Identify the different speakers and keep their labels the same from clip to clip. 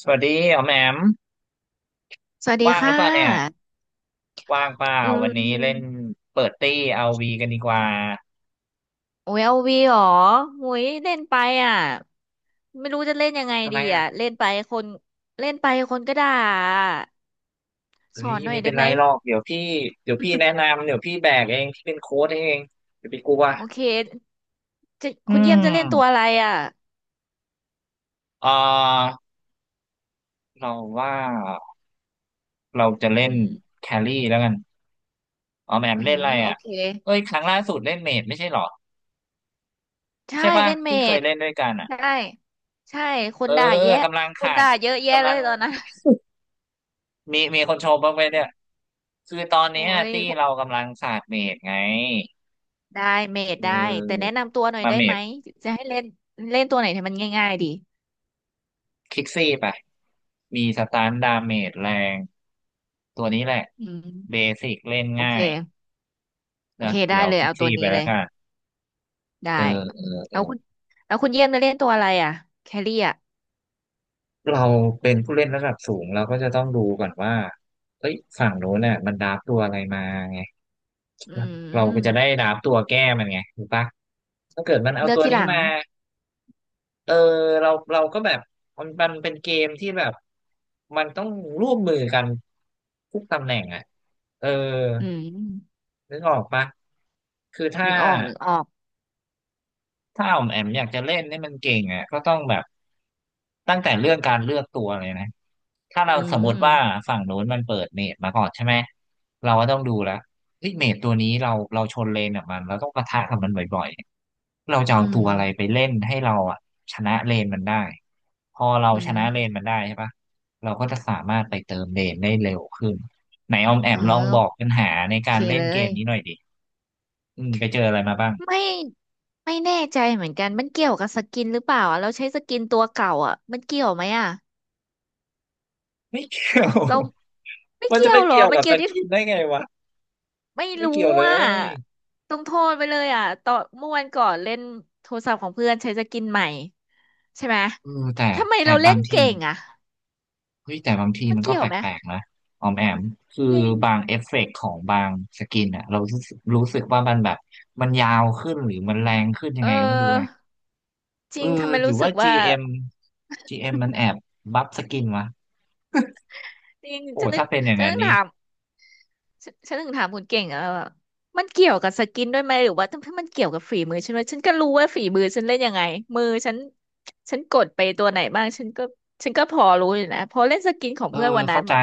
Speaker 1: สวัสดีอ๋อมแอม
Speaker 2: สวัสดี
Speaker 1: ว่างห
Speaker 2: ค่
Speaker 1: รือเปล่าเนี่ย
Speaker 2: ะ
Speaker 1: ว่างเปล่า
Speaker 2: อื
Speaker 1: วันนี้เล่น
Speaker 2: ม
Speaker 1: เปิดตี้เอาวีกันดีกว่า
Speaker 2: โอ้ยเอาวีเหรอโอ้ยเล่นไปอ่ะไม่รู้จะเล่นยังไง
Speaker 1: ทำไม
Speaker 2: ดี
Speaker 1: อ่ะ
Speaker 2: อ่ะเล่นไปคนเล่นไปคนก็ด่า
Speaker 1: เฮ้
Speaker 2: สอ
Speaker 1: ย
Speaker 2: นหน่อ
Speaker 1: ไม่
Speaker 2: ย
Speaker 1: เป็
Speaker 2: ได้
Speaker 1: น
Speaker 2: ไห
Speaker 1: ไร
Speaker 2: ม
Speaker 1: หรอกเดี๋ยวพี่เดี๋ยวพี่แนะนำเดี๋ยวพี่แบกเองพี่เป็นโค้ชเองอย่าไปกลัว
Speaker 2: โอเคจะ
Speaker 1: อื
Speaker 2: คุณเยี่ยมจะเล่นตัวอะ
Speaker 1: ม
Speaker 2: ไรอ่ะ
Speaker 1: เอ่อเราว่าเราจะ
Speaker 2: อื
Speaker 1: เล่น
Speaker 2: ม
Speaker 1: แครี่แล้วกันอ๋อมแอมม
Speaker 2: อื
Speaker 1: เล่นอะ
Speaker 2: ม
Speaker 1: ไร
Speaker 2: โอ
Speaker 1: อ่ะ
Speaker 2: เค
Speaker 1: เอ้ยครั้งล่าสุดเล่นเมจไม่ใช่หรอ
Speaker 2: ใช่
Speaker 1: ใช่ป่ะ
Speaker 2: เล่นเม
Speaker 1: ที่เคย
Speaker 2: ด
Speaker 1: เล่นด้วยกันอ่ะ
Speaker 2: ใช่ใช่ ค
Speaker 1: เอ
Speaker 2: น
Speaker 1: อ
Speaker 2: ด่าแยะ
Speaker 1: กำลัง
Speaker 2: ค
Speaker 1: ขา
Speaker 2: น
Speaker 1: ด
Speaker 2: ด่าเยอะแยะ
Speaker 1: กำ
Speaker 2: เล
Speaker 1: ลั
Speaker 2: ย
Speaker 1: ง
Speaker 2: ตอนนั้น
Speaker 1: มีคนชมบ้างไหมเนี่ยคือตอน
Speaker 2: โอ้
Speaker 1: เนี้ย
Speaker 2: ย
Speaker 1: ที่เรากำลังศาสตร์เมดไง
Speaker 2: ได้เมด
Speaker 1: เ
Speaker 2: ได้แต่แนะ
Speaker 1: ออ
Speaker 2: นำตัวหน่อย
Speaker 1: มา
Speaker 2: ได้
Speaker 1: เม
Speaker 2: ไหม
Speaker 1: ด
Speaker 2: จะให้เล่นเล่นตัวไหนให้มันง่ายๆดี
Speaker 1: คิกซี่ไปมีสตานดาเมจแรงตัวนี้แหละ
Speaker 2: อื
Speaker 1: เบ
Speaker 2: ม
Speaker 1: สิกเล่น
Speaker 2: โอเค
Speaker 1: ง่าย
Speaker 2: โอ
Speaker 1: นะ
Speaker 2: เค
Speaker 1: เดี๋
Speaker 2: ได้
Speaker 1: ยว
Speaker 2: เลย
Speaker 1: คิก
Speaker 2: เอาตั
Speaker 1: ซี่
Speaker 2: ว
Speaker 1: ไป
Speaker 2: นี้เล
Speaker 1: แล้ว
Speaker 2: ย
Speaker 1: กัน
Speaker 2: ได้
Speaker 1: เออเออ
Speaker 2: แล้วคุณแล้วคุณเยี่ยมจะเล่นตัวอะไรอ่ะแครี่อ่ะ
Speaker 1: เราเป็นผู้เล่นระดับสูงเราก็จะต้องดูก่อนว่าเอ้ยฝั่งโน้นน่ะมันดราฟตัวอะไรมาไง
Speaker 2: อื
Speaker 1: เราก็จะได้
Speaker 2: ม
Speaker 1: ดราฟตัวแก้มันไงถูกปะถ้าเกิดมันเอา
Speaker 2: เลือก
Speaker 1: ตัว
Speaker 2: ที่ห
Speaker 1: นี้
Speaker 2: ลัง
Speaker 1: มา เออเราก็แบบมันเป็นเกมที่แบบมันต้องร่วมมือกันทุกตำแหน่งอ่ะเออ
Speaker 2: อืม
Speaker 1: นึกออกปะคือถ้า
Speaker 2: นึกออกนึกออก
Speaker 1: ถ้าออมแอมอยากจะเล่นนี่มันเก่งอ่ะก็ต้องแบบตั้งแต่เรื่องการเลือกตัวเลยนะถ้า
Speaker 2: อื
Speaker 1: เราสมมติ
Speaker 2: ม
Speaker 1: ว่าฝั่งโน้นมันเปิดเมจมาก่อนใช่ไหมเราก็ต้องดูแล้วเฮ้ยเมจตัวนี้เราชนเลนกับมันเราต้องปะทะกับมันบ่อยๆเราจะเอา
Speaker 2: อื
Speaker 1: ตั
Speaker 2: ม
Speaker 1: วอะไรไปเล่นให้เราอ่ะชนะเลนมันได้พอเรา
Speaker 2: อื
Speaker 1: ชนะเล
Speaker 2: ม
Speaker 1: นมันได้ใช่ปะเราก็จะสามารถไปเติมเลนได้เร็วขึ้นไหนออมแอ
Speaker 2: เออ
Speaker 1: มลองบอกปัญหาใน
Speaker 2: โอ
Speaker 1: กา
Speaker 2: เค
Speaker 1: รเล่น
Speaker 2: เล
Speaker 1: เก
Speaker 2: ย
Speaker 1: มนี้หน่อยดิอืมไปเจออะไรมาบ้าง
Speaker 2: ไม่ไม่แน่ใจเหมือนกันมันเกี่ยวกับสกินหรือเปล่าอะเราใช้สกินตัวเก่าอ่ะมันเกี่ยวไหมอ่ะ
Speaker 1: ไม่เกี่ยว
Speaker 2: เราไม่
Speaker 1: มันจะ
Speaker 2: เกี่ย
Speaker 1: ไป
Speaker 2: วหรอ
Speaker 1: เกี่ยว
Speaker 2: มัน
Speaker 1: กับ
Speaker 2: เกี่
Speaker 1: ส
Speaker 2: ยวที่
Speaker 1: กินได้ไงวะ
Speaker 2: ไม่
Speaker 1: ไม่
Speaker 2: รู้
Speaker 1: เกี่ยวเล
Speaker 2: อ่ะ
Speaker 1: ย
Speaker 2: ต้องโทษไปเลยอ่ะตอนเมื่อวันก่อนเล่นโทรศัพท์ของเพื่อนใช้สกินใหม่ ใช่ไหม
Speaker 1: เออแต่
Speaker 2: ทำไม
Speaker 1: แต่
Speaker 2: เราเล่
Speaker 1: บา
Speaker 2: น
Speaker 1: งที
Speaker 2: เก่งอ่ะ
Speaker 1: เฮ้ยแต่บางที
Speaker 2: มัน
Speaker 1: มันก็
Speaker 2: เกี่ย
Speaker 1: แป
Speaker 2: วไหม
Speaker 1: ลกๆนะออมแอมคือ
Speaker 2: จริง
Speaker 1: บางเอฟเฟกต์ของบางสกินอะเรารู้สึกว่ามันแบบมันยาวขึ้นหรือมันแรงขึ้นยั
Speaker 2: เ
Speaker 1: งไงก็ไม่รู้นะ
Speaker 2: ออจ
Speaker 1: เอ
Speaker 2: ริ
Speaker 1: อ
Speaker 2: งทำไม
Speaker 1: หรือ
Speaker 2: รู้สึ
Speaker 1: ว่า
Speaker 2: กว่า
Speaker 1: GM GM จีเอ็มมันแอบบัฟสกินวะ
Speaker 2: จริง
Speaker 1: โอ้
Speaker 2: จะนึ
Speaker 1: ถ้า
Speaker 2: ก
Speaker 1: เป็นอย่าง
Speaker 2: จะ
Speaker 1: นั้
Speaker 2: นึ
Speaker 1: น
Speaker 2: ก
Speaker 1: นี้
Speaker 2: ถาม ฉันถึงถามคุณเก่งอะว่ามันเกี่ยวกับสกินด้วยไหมหรือว่าถ้ามันเกี่ยวกับฝีมือฉันไหมฉันก็รู้ว่าฝีมือฉันเล่นยังไงมือฉันฉันกดไปตัวไหนบ้างฉันก็ฉันก็พอรู้อยู่นะพอเล่นสกินของ
Speaker 1: เออ
Speaker 2: เพื่อนวันนั้
Speaker 1: เข้า
Speaker 2: น
Speaker 1: ใจ
Speaker 2: แบบ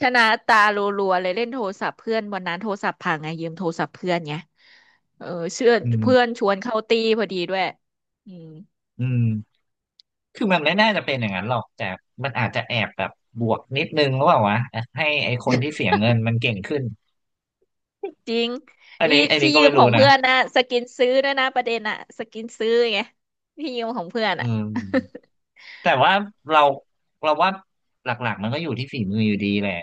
Speaker 2: ชนะตารัวๆเลยเล่นโทรศัพท์เพื่อนวันนั้นโทรศัพท์พังไงยืมโทรศัพท์เพื่อนไงเออเชื่อ
Speaker 1: อื
Speaker 2: เพื่อน
Speaker 1: ม
Speaker 2: ชวนเข้าตีพอดีด้วยอืม
Speaker 1: อืมคือมันไม่น่าจะเป็นอย่างนั้นหรอกแต่มันอาจจะแอบแบบบวกนิดนึงหรือเปล่าวะให้ไอคนที่เสียเงินมันเก่งขึ้น
Speaker 2: จริง
Speaker 1: อัน
Speaker 2: อี
Speaker 1: นี้อันนี้
Speaker 2: ที่
Speaker 1: ก็
Speaker 2: ยื
Speaker 1: ไม่
Speaker 2: มข
Speaker 1: รู้
Speaker 2: อง
Speaker 1: นะ
Speaker 2: เพื่อนนะสกินซื้อด้วยนะประเด็นอะสกินซื้อไงที่ยืมของเพื่อน
Speaker 1: อื
Speaker 2: อะ
Speaker 1: ม แต่ว่าเราเราว่าหลักๆมันก็อยู่ที่ฝีมืออยู่ดีแหละ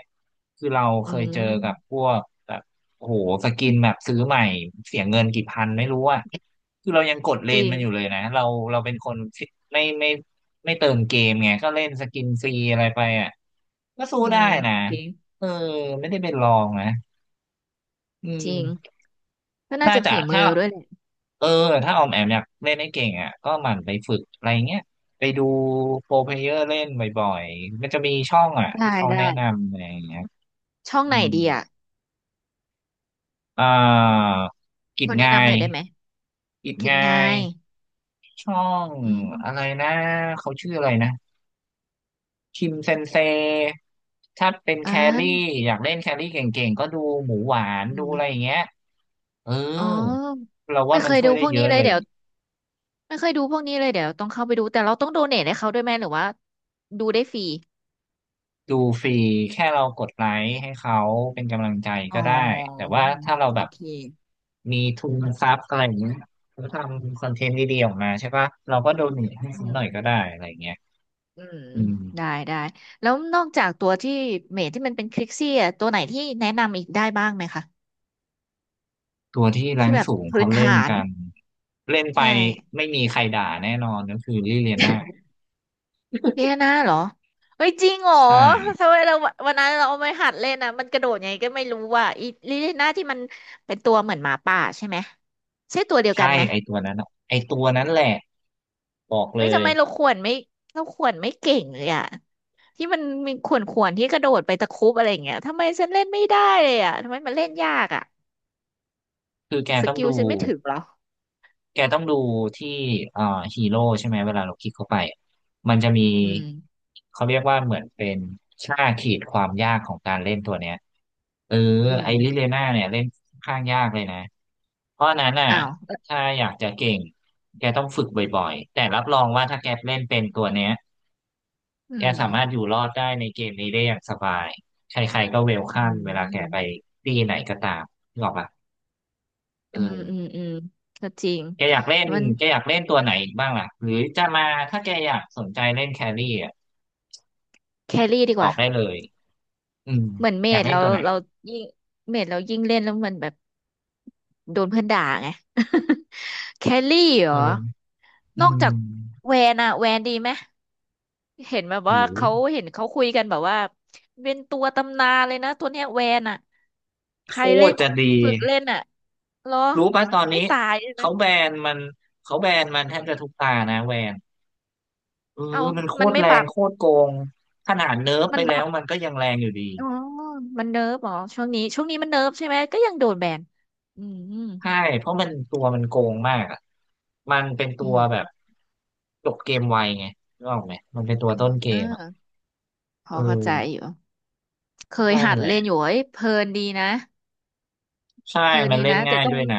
Speaker 1: คือเราเค
Speaker 2: อื
Speaker 1: ยเจอกับ
Speaker 2: ม
Speaker 1: พวกแบบโอ้โหสกินแบบซื้อใหม่เสียเงินกี่พันไม่รู้อ่ะคือเรายังกดเล
Speaker 2: จ
Speaker 1: น
Speaker 2: ริง
Speaker 1: มันอยู่เลยนะเราเราเป็นคนไม่ไม่ไม่เติมเกมไงก็เล่นสกินฟรีอะไรไปอ่ะก็สู้
Speaker 2: อื
Speaker 1: ได้
Speaker 2: ม
Speaker 1: นะ
Speaker 2: จริง
Speaker 1: เออไม่ได้เป็นรองนะอื
Speaker 2: จริง
Speaker 1: ม
Speaker 2: ก็น่า
Speaker 1: น่า
Speaker 2: จะ
Speaker 1: จะ
Speaker 2: ฝีมือ
Speaker 1: ถ้า
Speaker 2: เราด้วยแหละ
Speaker 1: เออถ้าออมแอมอยากเล่นให้เก่งอ่ะก็หมั่นไปฝึกอะไรเงี้ยไปดูโปรเพลเยอร์เล่นบ่อยๆมันจะมีช่องอ่ะ
Speaker 2: ได้
Speaker 1: ที่เขา
Speaker 2: ได้
Speaker 1: แนะนำอะไรอย่างเงี้ย
Speaker 2: ช่อง
Speaker 1: อื
Speaker 2: ไหน
Speaker 1: ม
Speaker 2: ดีอ่ะ
Speaker 1: อ่ากิ
Speaker 2: ค
Speaker 1: จ
Speaker 2: นแนะ
Speaker 1: งา
Speaker 2: นำห
Speaker 1: ย
Speaker 2: น่อยได้ไหม
Speaker 1: กิจ
Speaker 2: คิด
Speaker 1: งา
Speaker 2: ไง
Speaker 1: ยช่อง
Speaker 2: อื
Speaker 1: อะไร
Speaker 2: ม
Speaker 1: นะเขาชื่ออะไรนะคิมเซนเซถ้าเป็น
Speaker 2: อ่
Speaker 1: แครี่
Speaker 2: า
Speaker 1: อยากเล่นแครี่เก่งๆก็ดูหมูหวาน
Speaker 2: อื
Speaker 1: ดูอะไรอย่า
Speaker 2: ม
Speaker 1: งเงี้ยเออ
Speaker 2: อ๋อ
Speaker 1: เราว่า
Speaker 2: ไม่เค
Speaker 1: มัน
Speaker 2: ย
Speaker 1: ช่ว
Speaker 2: ดู
Speaker 1: ยได้
Speaker 2: พวก
Speaker 1: เย
Speaker 2: นี้
Speaker 1: อะ
Speaker 2: เล
Speaker 1: เล
Speaker 2: ย
Speaker 1: ย
Speaker 2: เดี๋ยวไม่เคยดูพวกนี้เลยเดี๋ยวต้องเข้าไปดูแต่เราต้องโดเนทให้เขาด้วยไหมหรือว่าดูได้ฟรี
Speaker 1: ดูฟรีแค่เรากดไลค์ให้เขาเป็นกำลังใจ
Speaker 2: อ๋อ
Speaker 1: ก็ได้แต่ว่าถ้าเราแบ
Speaker 2: โอ
Speaker 1: บ
Speaker 2: เค
Speaker 1: มีทุนทรัพย์อะไรอย่างเงี้ยเขาทำคอนเทนต์ดีๆออกมาใช่ปะเราก็โดเนทให้
Speaker 2: อื
Speaker 1: เ้าห
Speaker 2: ม
Speaker 1: น่อยก็ได้อะไรอย่างเงี้ย
Speaker 2: อืม
Speaker 1: อืม
Speaker 2: ได้แล้วนอกจากตัวที่เมทที่มันเป็นคลิกซี่อ่ะตัวไหนที่แนะนำอีกได้บ้างไหมคะ
Speaker 1: ตัวที่แร
Speaker 2: ที่
Speaker 1: ง
Speaker 2: แบบ
Speaker 1: สูง
Speaker 2: พื้
Speaker 1: เขา
Speaker 2: นฐ
Speaker 1: เล่น
Speaker 2: าน
Speaker 1: กันเล่นไป
Speaker 2: ใช่
Speaker 1: ไม่มีใครด่าแน่นอนก็คือลิเลียน่า
Speaker 2: เดียนาเหรอเฮ้ยจริงเหรอ
Speaker 1: ใช่
Speaker 2: ทำไมเราวันนั้นเราเอาไปหัดเล่นอ่ะมันกระโดดยังไงก็ไม่รู้ว่าอีลิเลียนาที่มันเป็นตัวเหมือนหมาป่าใช่ไหมใช่ตัวเดียวกั
Speaker 1: ใช่
Speaker 2: นไหม
Speaker 1: ไอตัวนั้นอะไอตัวนั้นแหละบอกเล
Speaker 2: เฮ้ยทำ
Speaker 1: ย
Speaker 2: ไมเราขวนไม่เราขวนไม่เก่งเลยอะที่มันมีขวนขวนที่กระโดดไปตะครุบอะไรอย่างเงี้ยทำไมฉันเล่นไม่ได้เลยอะทำไมมันเล่นยากอะ
Speaker 1: คือแก
Speaker 2: ส
Speaker 1: ต้อง
Speaker 2: กิล
Speaker 1: ดู
Speaker 2: ฉันไม่ถึงเหรอ
Speaker 1: แกต้องดูที่เอ่อฮีโร่ใช่ไหมเวลาเราคลิกเข้าไปมันจะมี
Speaker 2: อืม
Speaker 1: เขาเรียกว่าเหมือนเป็นค่าขีดความยากของการเล่นตัวเนี้ยเออ
Speaker 2: อื
Speaker 1: ไอ
Speaker 2: ม
Speaker 1: ริเลน่าเนี่ยเล่นค่อนข้างยากเลยนะเพราะฉะนั้นน่ะ
Speaker 2: อ้าว
Speaker 1: ถ้าอยากจะเก่งแกต้องฝึกบ่อยๆแต่รับรองว่าถ้าแกเล่นเป็นตัวเนี้ย
Speaker 2: อื
Speaker 1: แก
Speaker 2: ม
Speaker 1: สามารถอยู่รอดได้ในเกมนี้ได้อย่างสบายใครๆก็เวล
Speaker 2: อื
Speaker 1: คัมเวลาแกไป
Speaker 2: ม
Speaker 1: ที่ไหนก็ตามนึกออกปะเอ
Speaker 2: อืมอืม
Speaker 1: อ
Speaker 2: อืมอืมก็จริง
Speaker 1: แกอยากเล่น
Speaker 2: มัน
Speaker 1: แกอยากเล่นตัวไหนอีกบ้างล่ะหรือจะมาถ้าแกอยากสนใจเล่นแครี่อ่ะ
Speaker 2: แครี่ดี
Speaker 1: บ
Speaker 2: ก
Speaker 1: อ
Speaker 2: ว่า
Speaker 1: กได้เลยอืม
Speaker 2: เหมือนเม
Speaker 1: อยาก
Speaker 2: ด
Speaker 1: เล่น
Speaker 2: เรา
Speaker 1: ตัวไหน
Speaker 2: เรายิ่งเมดเรายิ่งเล่นแล้วมันแบบโดนเพื่อนด่าไง แคลรี่เหรอ
Speaker 1: เอออื
Speaker 2: นอกจาก
Speaker 1: ม
Speaker 2: แวนอะแวนดีไหมเห็นแบบว่า
Speaker 1: หรือ
Speaker 2: เขาเห็นเขาคุยกันแบบว่าเป็นตัวตำนานเลยนะตัวเนี้ยแวนอะใค
Speaker 1: โค
Speaker 2: รเล่
Speaker 1: ต
Speaker 2: น
Speaker 1: รจะดี
Speaker 2: ฝึกเล่นอะเหรอ
Speaker 1: รู้ป่ะตอน
Speaker 2: ไม่
Speaker 1: นี้
Speaker 2: ตายใช่ไหม
Speaker 1: เขาแบนมันเขาแบนมันแทบจะทุกตานะแวนเอ
Speaker 2: เอา
Speaker 1: อมันโค
Speaker 2: มัน
Speaker 1: ตร
Speaker 2: ไม่
Speaker 1: แร
Speaker 2: บั
Speaker 1: ง
Speaker 2: บ
Speaker 1: โคตรโกงขนาดเนิร์ฟไป
Speaker 2: มัน
Speaker 1: แล้
Speaker 2: บั
Speaker 1: ว
Speaker 2: บ
Speaker 1: มันก็ยังแรงอยู่ดี
Speaker 2: อ๋อมันเนิร์ฟเหรอช่วงนี้ช่วงนี้มันเนิร์ฟใช่ไหมก็ยังโดนแบนอืม
Speaker 1: ใช่เพราะมันตัวมันโกงมากอะมันเป็นตั
Speaker 2: อื
Speaker 1: วแบบ
Speaker 2: ม
Speaker 1: จบเกมไวไงรู้ออกไหมมันเป็นตัว
Speaker 2: อื
Speaker 1: ต้
Speaker 2: ม
Speaker 1: นเก
Speaker 2: อ่า
Speaker 1: มอ่ะ
Speaker 2: พอ
Speaker 1: เอ
Speaker 2: เข้าใจอ
Speaker 1: อ
Speaker 2: ยู่ เคย
Speaker 1: นั่น
Speaker 2: หัด
Speaker 1: แหละ
Speaker 2: เล่นอยู่เอ้ยเพลินดีนะ
Speaker 1: ใช่
Speaker 2: เพลิน
Speaker 1: มัน
Speaker 2: ดี
Speaker 1: เล่น
Speaker 2: นะแต่
Speaker 1: ง่าย
Speaker 2: ต้อ
Speaker 1: ด้
Speaker 2: ง
Speaker 1: วยนะ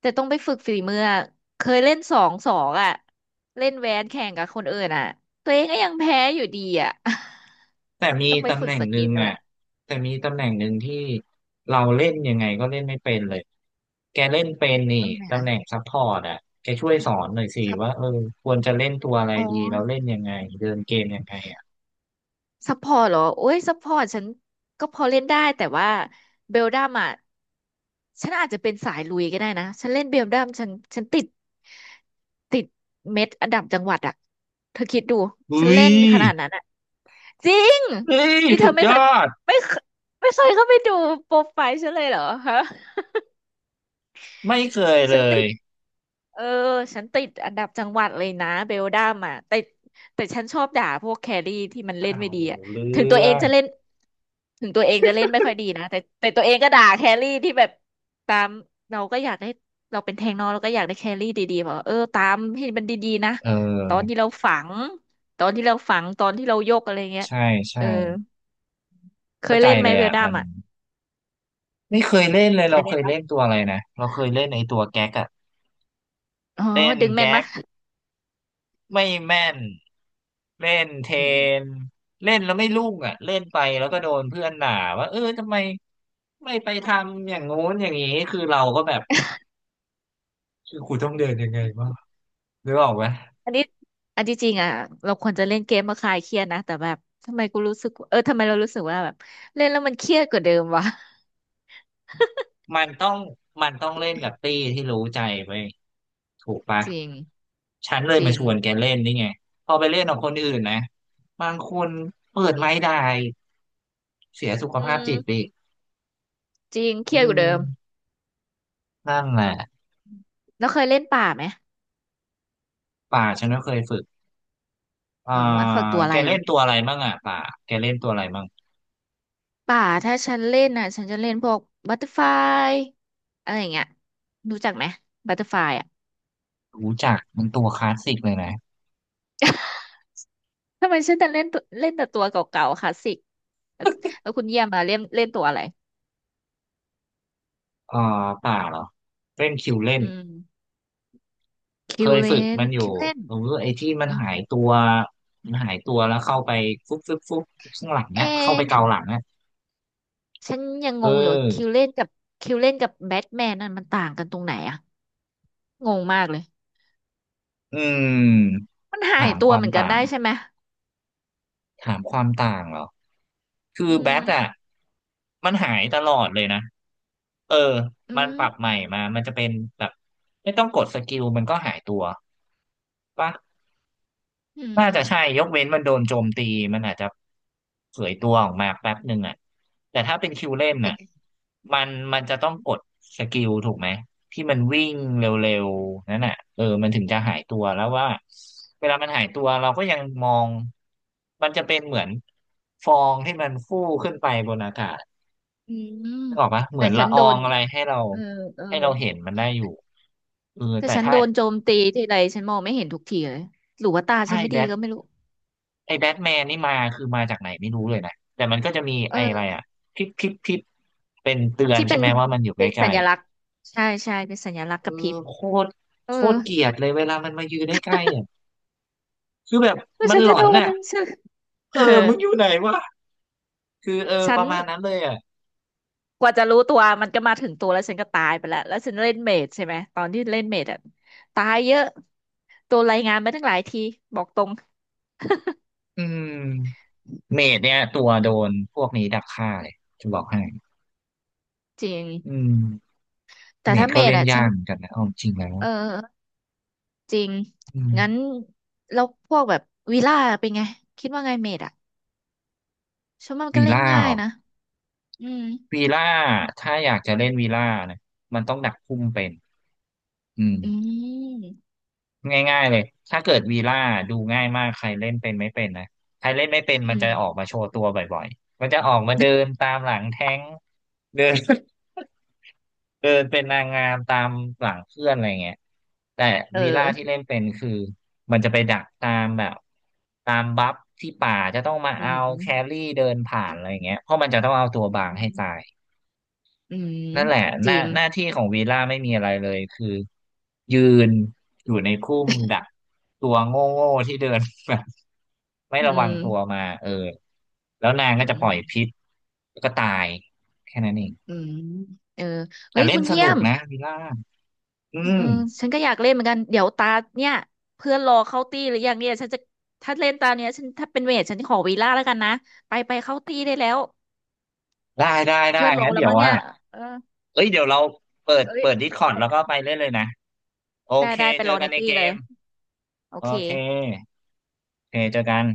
Speaker 2: แต่ต้องไปฝึกฝีมืออะเคยเล่นสองสองอ่ะเล่นแวนแข่งกับคนอื่นอ่ะตัวเองก็ยังแพ้อยู่ดีอ่ะ
Speaker 1: แต่มี
Speaker 2: ต้องไป
Speaker 1: ตำ
Speaker 2: ฝึ
Speaker 1: แห
Speaker 2: ก
Speaker 1: น่ง
Speaker 2: ส
Speaker 1: ห
Speaker 2: กิ
Speaker 1: นึ่
Speaker 2: ล
Speaker 1: ง
Speaker 2: ด้วย
Speaker 1: อ่ะ
Speaker 2: อ่ะ
Speaker 1: แต่มีตำแหน่งหนึ่งที่เราเล่นยังไงก็เล่นไม่เป็นเลย แกเล่นเป็นนี่
Speaker 2: ต้องไหน
Speaker 1: ตำ
Speaker 2: นะ
Speaker 1: แหน่งซัพพอร์ตอ่ะแกช่วยสอนหน่อยสิ
Speaker 2: ครั
Speaker 1: ว่า
Speaker 2: บ
Speaker 1: เออควรจะเล่นตัวอะไร
Speaker 2: อ๋อ
Speaker 1: ดีแล้วเล่นยังไงเดินเกมยังไงอ่ะ
Speaker 2: ซัพพอร์ตเหรอโอ้ยซัพพอร์ตฉันก็พอเล่นได้แต่ว่าเบลดัมอ่ะฉันอาจจะเป็นสายลุยก็ได้นะฉันเล่นเบลดัมฉันฉันติดติดเม็ดอันดับจังหวัดอ่ะเธอคิดดู
Speaker 1: อุ้
Speaker 2: ฉันเล่
Speaker 1: ย
Speaker 2: นขนาดนั้นอ่ะจริง
Speaker 1: เฮ้ย
Speaker 2: นี่เธ
Speaker 1: สุ
Speaker 2: อ
Speaker 1: ด
Speaker 2: ไม่
Speaker 1: ย
Speaker 2: เคย
Speaker 1: อด
Speaker 2: ไม่เคยไม่เคยเข้าไปดูโปรไฟล์ฉันเลยเหรอฮะ
Speaker 1: ไม่เคยเล
Speaker 2: ฉันติ
Speaker 1: ย
Speaker 2: ดเออฉันติดอันดับจังหวัดเลยนะเบลดัมอ่ะแต่แต่ฉันชอบด่าพวกแครี่ที่มันเล่น
Speaker 1: อ้า
Speaker 2: ไม่
Speaker 1: ว
Speaker 2: ดีอ่ะ
Speaker 1: เรื่
Speaker 2: ถึงตัว
Speaker 1: อ
Speaker 2: เอง
Speaker 1: ง
Speaker 2: จะเล่นถึงตัวเองจะเล่นไม่ค่อยดีนะแต่แต่ตัวเองก็ด่าแครี่ที่แบบตามเราก็อยากได้เราเป็นแทงเนอะเราก็อยากได้แครี่ดีๆบอกว่าเออตามให้มันดีๆนะ
Speaker 1: เ
Speaker 2: ตอน
Speaker 1: ออ
Speaker 2: ที่เราฝังตอนที่เราฝังตอนที่เรายกอะไรเงี้ย
Speaker 1: ใช่ใช่
Speaker 2: เออเค
Speaker 1: เข้า
Speaker 2: ย
Speaker 1: ใจ
Speaker 2: เล่นไหม
Speaker 1: เลย
Speaker 2: เบล
Speaker 1: อ่ะ
Speaker 2: ดั
Speaker 1: มั
Speaker 2: ม
Speaker 1: น
Speaker 2: อ่ะ
Speaker 1: ไม่เคยเล่นเลย
Speaker 2: เค
Speaker 1: เรา
Speaker 2: ย
Speaker 1: เค
Speaker 2: เล่น
Speaker 1: ย
Speaker 2: ปะ
Speaker 1: เล่นตัวอะไรนะเราเคยเล่นไอ้ตัวแก๊กอ่ะ
Speaker 2: อ๋อ
Speaker 1: เล่น
Speaker 2: ดึงแม่น
Speaker 1: แก๊
Speaker 2: มะ
Speaker 1: ก ไม่แม่นเล่นเท
Speaker 2: อืม
Speaker 1: นเล่นแล้วไม่รุ่งอ่ะเล่นไปแล้วก็โดนเพื่อนด่าว่าเออทำไมไม่ไปทำอย่างงู้นอย่างนี้คือเราก็แบบคือกูต้องเดินยังไงวะหรือบอกว่า
Speaker 2: อันนี้อันที่จริงอ่ะเราควรจะเล่นเกมมาคลายเครียดนะแต่แบบทำไมกูรู้สึกเออทำไมเรารู้สึกว่าแบบเล่นแล้วมันเครียดกว่าเดิมวะ
Speaker 1: มันต้องมันต้องเล่นกับตี้ที่รู้ใจไปถูกปะ
Speaker 2: จริง
Speaker 1: ฉันเลย
Speaker 2: จ
Speaker 1: มา
Speaker 2: ริ
Speaker 1: ช
Speaker 2: ง
Speaker 1: วนแกเล่นนี่ไงพอไปเล่นกับคนอื่นนะบางคนเปิดไม้ได้เสียสุข
Speaker 2: อื
Speaker 1: ภาพจิตไป
Speaker 2: ม
Speaker 1: อีก
Speaker 2: จริงเค
Speaker 1: อื
Speaker 2: รียดกว่าเดิ
Speaker 1: ม
Speaker 2: ม
Speaker 1: นั่นแหละ
Speaker 2: แล้วเคยเล่นป่าไหม
Speaker 1: ป่าฉันก็เคยฝึก อ่า
Speaker 2: อืมมาฝึกตัวอะ
Speaker 1: แก
Speaker 2: ไรหร
Speaker 1: เล่
Speaker 2: อ
Speaker 1: นตัวอะไรมั่งอ่ะป่าแกเล่นตัวอะไรมั่ง
Speaker 2: ป่าถ้าฉันเล่นน่ะฉันจะเล่นพวกบัตเตอร์ฟลายอะไรอย่างเงี้ยรู้จักไหมบัตเตอร์ฟลายอ่ะ
Speaker 1: รู้จักมันตัวคลาสสิกเลยนะ
Speaker 2: ทำไมฉันแต่เล่นตัวเล่นแต่ตัวเก่าๆคลาสสิกแล้วแล้วคุณเยี่ยมมาเล่นเล่นตัวอะไร
Speaker 1: อ่าป่าเหรอเล่นคิวเล่น
Speaker 2: อืม
Speaker 1: เค
Speaker 2: คิว
Speaker 1: ย
Speaker 2: เล
Speaker 1: ฝึก
Speaker 2: น
Speaker 1: มันอยู่
Speaker 2: คิวเลน
Speaker 1: หรือไอ้ที่มัน
Speaker 2: อืม
Speaker 1: หายตัวมันหายตัวแล้วเข้าไปฟุบฟุบฟุบข้างหลัง
Speaker 2: เ
Speaker 1: เนี้ยเข้าไปเกา
Speaker 2: อ
Speaker 1: หลังเนี้ย
Speaker 2: ฉันยัง
Speaker 1: เ
Speaker 2: งงอยู่คิ
Speaker 1: อ
Speaker 2: ว
Speaker 1: อ
Speaker 2: เล่นกับคิวเล่นกับแบทแมนนั่นมันต่างกันตรงไหนอะงงมากเลย
Speaker 1: อืม
Speaker 2: มันหาย
Speaker 1: ถาม
Speaker 2: ตั
Speaker 1: ค
Speaker 2: ว
Speaker 1: วา
Speaker 2: เห
Speaker 1: ม
Speaker 2: มือนกัน
Speaker 1: ต่าง
Speaker 2: ได้ใช่ไหม
Speaker 1: ถามความต่างเหรอคื
Speaker 2: อื
Speaker 1: อแบ
Speaker 2: ม
Speaker 1: ทอ่ะมันหายตลอดเลยนะเออ
Speaker 2: อื
Speaker 1: มัน
Speaker 2: ม
Speaker 1: ปรับใหม่มามันจะเป็นแบบไม่ต้องกดสกิลมันก็หายตัว ปะ
Speaker 2: อืม
Speaker 1: น่าจะใช่ยกเว้นมันโดนโจมตีมันอาจจะเผยตัวออกมาแป๊บหนึ่งอ่ะแต่ถ้าเป็นคิวเล่น
Speaker 2: แต่
Speaker 1: น่ะมันจะต้องกดสกิลถูกไหมที่มันวิ่งเร็วๆนั่นน่ะเออมันถึงจะหายตัวแล้วว่าเวลามันหายตัวเราก็ยังมองมันจะเป็นเหมือนฟองที่มันฟู่ขึ้นไปบนอากาศ
Speaker 2: อืม
Speaker 1: นึกออกปะเหมื
Speaker 2: แต่
Speaker 1: อน
Speaker 2: ฉั
Speaker 1: ละ
Speaker 2: น
Speaker 1: อ
Speaker 2: โด
Speaker 1: อง
Speaker 2: น
Speaker 1: อะไรให้เรา
Speaker 2: เออเออ
Speaker 1: ให้เราเห็นมันได้อยู่เออ
Speaker 2: แต่
Speaker 1: แต่
Speaker 2: ฉัน
Speaker 1: ถ้า
Speaker 2: โดนโจมตีทีไรฉันมองไม่เห็นทุกทีเลยหรือว่าตาฉั
Speaker 1: ถ้า
Speaker 2: น
Speaker 1: ไอ้
Speaker 2: ไม่
Speaker 1: แบ
Speaker 2: ดี
Speaker 1: ท
Speaker 2: ก็ไม่รู้
Speaker 1: ไอ้แบทแมนนี่มาคือมาจากไหนไม่รู้เลยนะ แต่มันก็จะมี
Speaker 2: เอ
Speaker 1: ไอ้อะไร
Speaker 2: อ
Speaker 1: อ่ะพิบพิบพิบเป็นเตือน
Speaker 2: ที่
Speaker 1: ใช่
Speaker 2: เป็น
Speaker 1: ไหมว่ามันอยู่ใก
Speaker 2: เป็นสั
Speaker 1: ล้
Speaker 2: ญลักษณ์ใช่ใช่เป็นสัญลักษ
Speaker 1: ๆ
Speaker 2: ณ์
Speaker 1: เอ
Speaker 2: กระพริ
Speaker 1: อ
Speaker 2: บ
Speaker 1: โคตร
Speaker 2: เออ
Speaker 1: โคตรเกลียดเลยเวลามันมายืนใกล้ๆอ่ะคือแบบ
Speaker 2: แล้ว
Speaker 1: มัน
Speaker 2: ฉัน
Speaker 1: หล
Speaker 2: จะ
Speaker 1: อ
Speaker 2: โด
Speaker 1: น
Speaker 2: น
Speaker 1: น่ะ
Speaker 2: มัน ฉัน
Speaker 1: เอ
Speaker 2: เอ
Speaker 1: อ
Speaker 2: อ
Speaker 1: มึงอยู่ไหนวะคือเออ
Speaker 2: ฉั
Speaker 1: ป
Speaker 2: น
Speaker 1: ระมาณนั้นเลยอ่ะ
Speaker 2: กว่าจะรู้ตัวมันก็มาถึงตัวแล้วฉันก็ตายไปแล้วแล้วฉันเล่นเมดใช่ไหมตอนที่เล่นเมดอ่ะตายเยอะตัวรายงานมาตั้งหลายทีบอกตรง
Speaker 1: อืมเมดเนี่ยตัวโดนพวกนี้ดักฆ่าเลยจะบอกให้
Speaker 2: จริง
Speaker 1: อืม
Speaker 2: แต่
Speaker 1: เม
Speaker 2: ถ้า
Speaker 1: ด
Speaker 2: เม
Speaker 1: ก็
Speaker 2: ด
Speaker 1: เล่น
Speaker 2: อะฉั
Speaker 1: ยา
Speaker 2: น
Speaker 1: กเหมือนกันนะเอาจริงแล้ว
Speaker 2: เออจริง
Speaker 1: อื
Speaker 2: งั้น
Speaker 1: ม
Speaker 2: แล้วพวกแบบวีล่าเป็นไงคิดว่าไงเมดอะฉันว่ามัน
Speaker 1: วี
Speaker 2: ก็เล่น
Speaker 1: ล่า
Speaker 2: ง่า
Speaker 1: เหร
Speaker 2: ย
Speaker 1: อ
Speaker 2: นะอืม
Speaker 1: วีล่าถ้าอยากจะเล่นวีล่านะมันต้องดักพุ่มเป็นอืม
Speaker 2: อืม
Speaker 1: ง่ายๆเลยถ้าเกิดวีล่าดูง่ายมากใครเล่นเป็นไม่เป็นนะใครเล่นไม่เป็น
Speaker 2: อื
Speaker 1: มันจะ
Speaker 2: ม
Speaker 1: ออกมาโชว์ตัวบ่อยๆมันจะออกมาเดินตามหลังแท้งเดิน เดินเป็นนางงามตามหลังเพื่อนอะไรเงี้ยแต่
Speaker 2: เออ
Speaker 1: วีล่าที่เล่นเป็นคือมันจะไปดักตามแบบตามบัฟที่ป่าจะต้องมา
Speaker 2: อื
Speaker 1: เอา
Speaker 2: มอืม
Speaker 1: แครี่เดินผ่านอะไรเงี้ยเพราะมันจะต้องเอาตัวบาง
Speaker 2: อื
Speaker 1: ให้
Speaker 2: ม
Speaker 1: ตาย
Speaker 2: อืม
Speaker 1: นั่นแหละห
Speaker 2: จ
Speaker 1: น้า
Speaker 2: ริง
Speaker 1: หน้าที่ของวีล่าไม่มีอะไรเลยคือยืนอยู่ในคุ้มดักตัวโง่โง่ที่เดิน แบบไม่ระ
Speaker 2: อื
Speaker 1: วัง
Speaker 2: ม
Speaker 1: ตัวมาเออแล้วนางก็จะ
Speaker 2: อื
Speaker 1: ปล่
Speaker 2: ม
Speaker 1: อยพิษแล้วก็ตายแค่นั้นเอง
Speaker 2: อืมเออ
Speaker 1: แต่
Speaker 2: เฮ้ย
Speaker 1: เล่น
Speaker 2: คุณ
Speaker 1: ส
Speaker 2: เยี่
Speaker 1: นุ
Speaker 2: ย
Speaker 1: ก
Speaker 2: ม
Speaker 1: นะวีล่าอื
Speaker 2: เอ
Speaker 1: ม
Speaker 2: อฉันก็อยากเล่นเหมือนกันเดี๋ยวตาเนี่ยเพื่อนรอเข้าตี้หรือยังเนี่ยฉันจะถ้าเล่นตาเนี้ยฉันถ้าเป็นเวทฉันขอวีล่าแล้วกันนะไปไปเข้าตี้ได้แล้ว
Speaker 1: ได้ได้ได้
Speaker 2: เพื่อนรอ
Speaker 1: งั้น
Speaker 2: แล้ว
Speaker 1: เดี๋ยว
Speaker 2: มั้งเนี่
Speaker 1: ว่า
Speaker 2: ยเออ
Speaker 1: เอ้ยเดี๋ยวเราเปิด
Speaker 2: เอ้ย
Speaker 1: เปิดดิสคอร์ดแล้วก็ไปเล่นเลยนะโอ
Speaker 2: ได้
Speaker 1: เค
Speaker 2: ได้ไป
Speaker 1: เจ
Speaker 2: ร
Speaker 1: อ
Speaker 2: อ
Speaker 1: กั
Speaker 2: ใน
Speaker 1: นใน
Speaker 2: ตี้
Speaker 1: เก
Speaker 2: เลย
Speaker 1: ม
Speaker 2: โอ
Speaker 1: โอ
Speaker 2: เค
Speaker 1: เคโอเคเจอกัน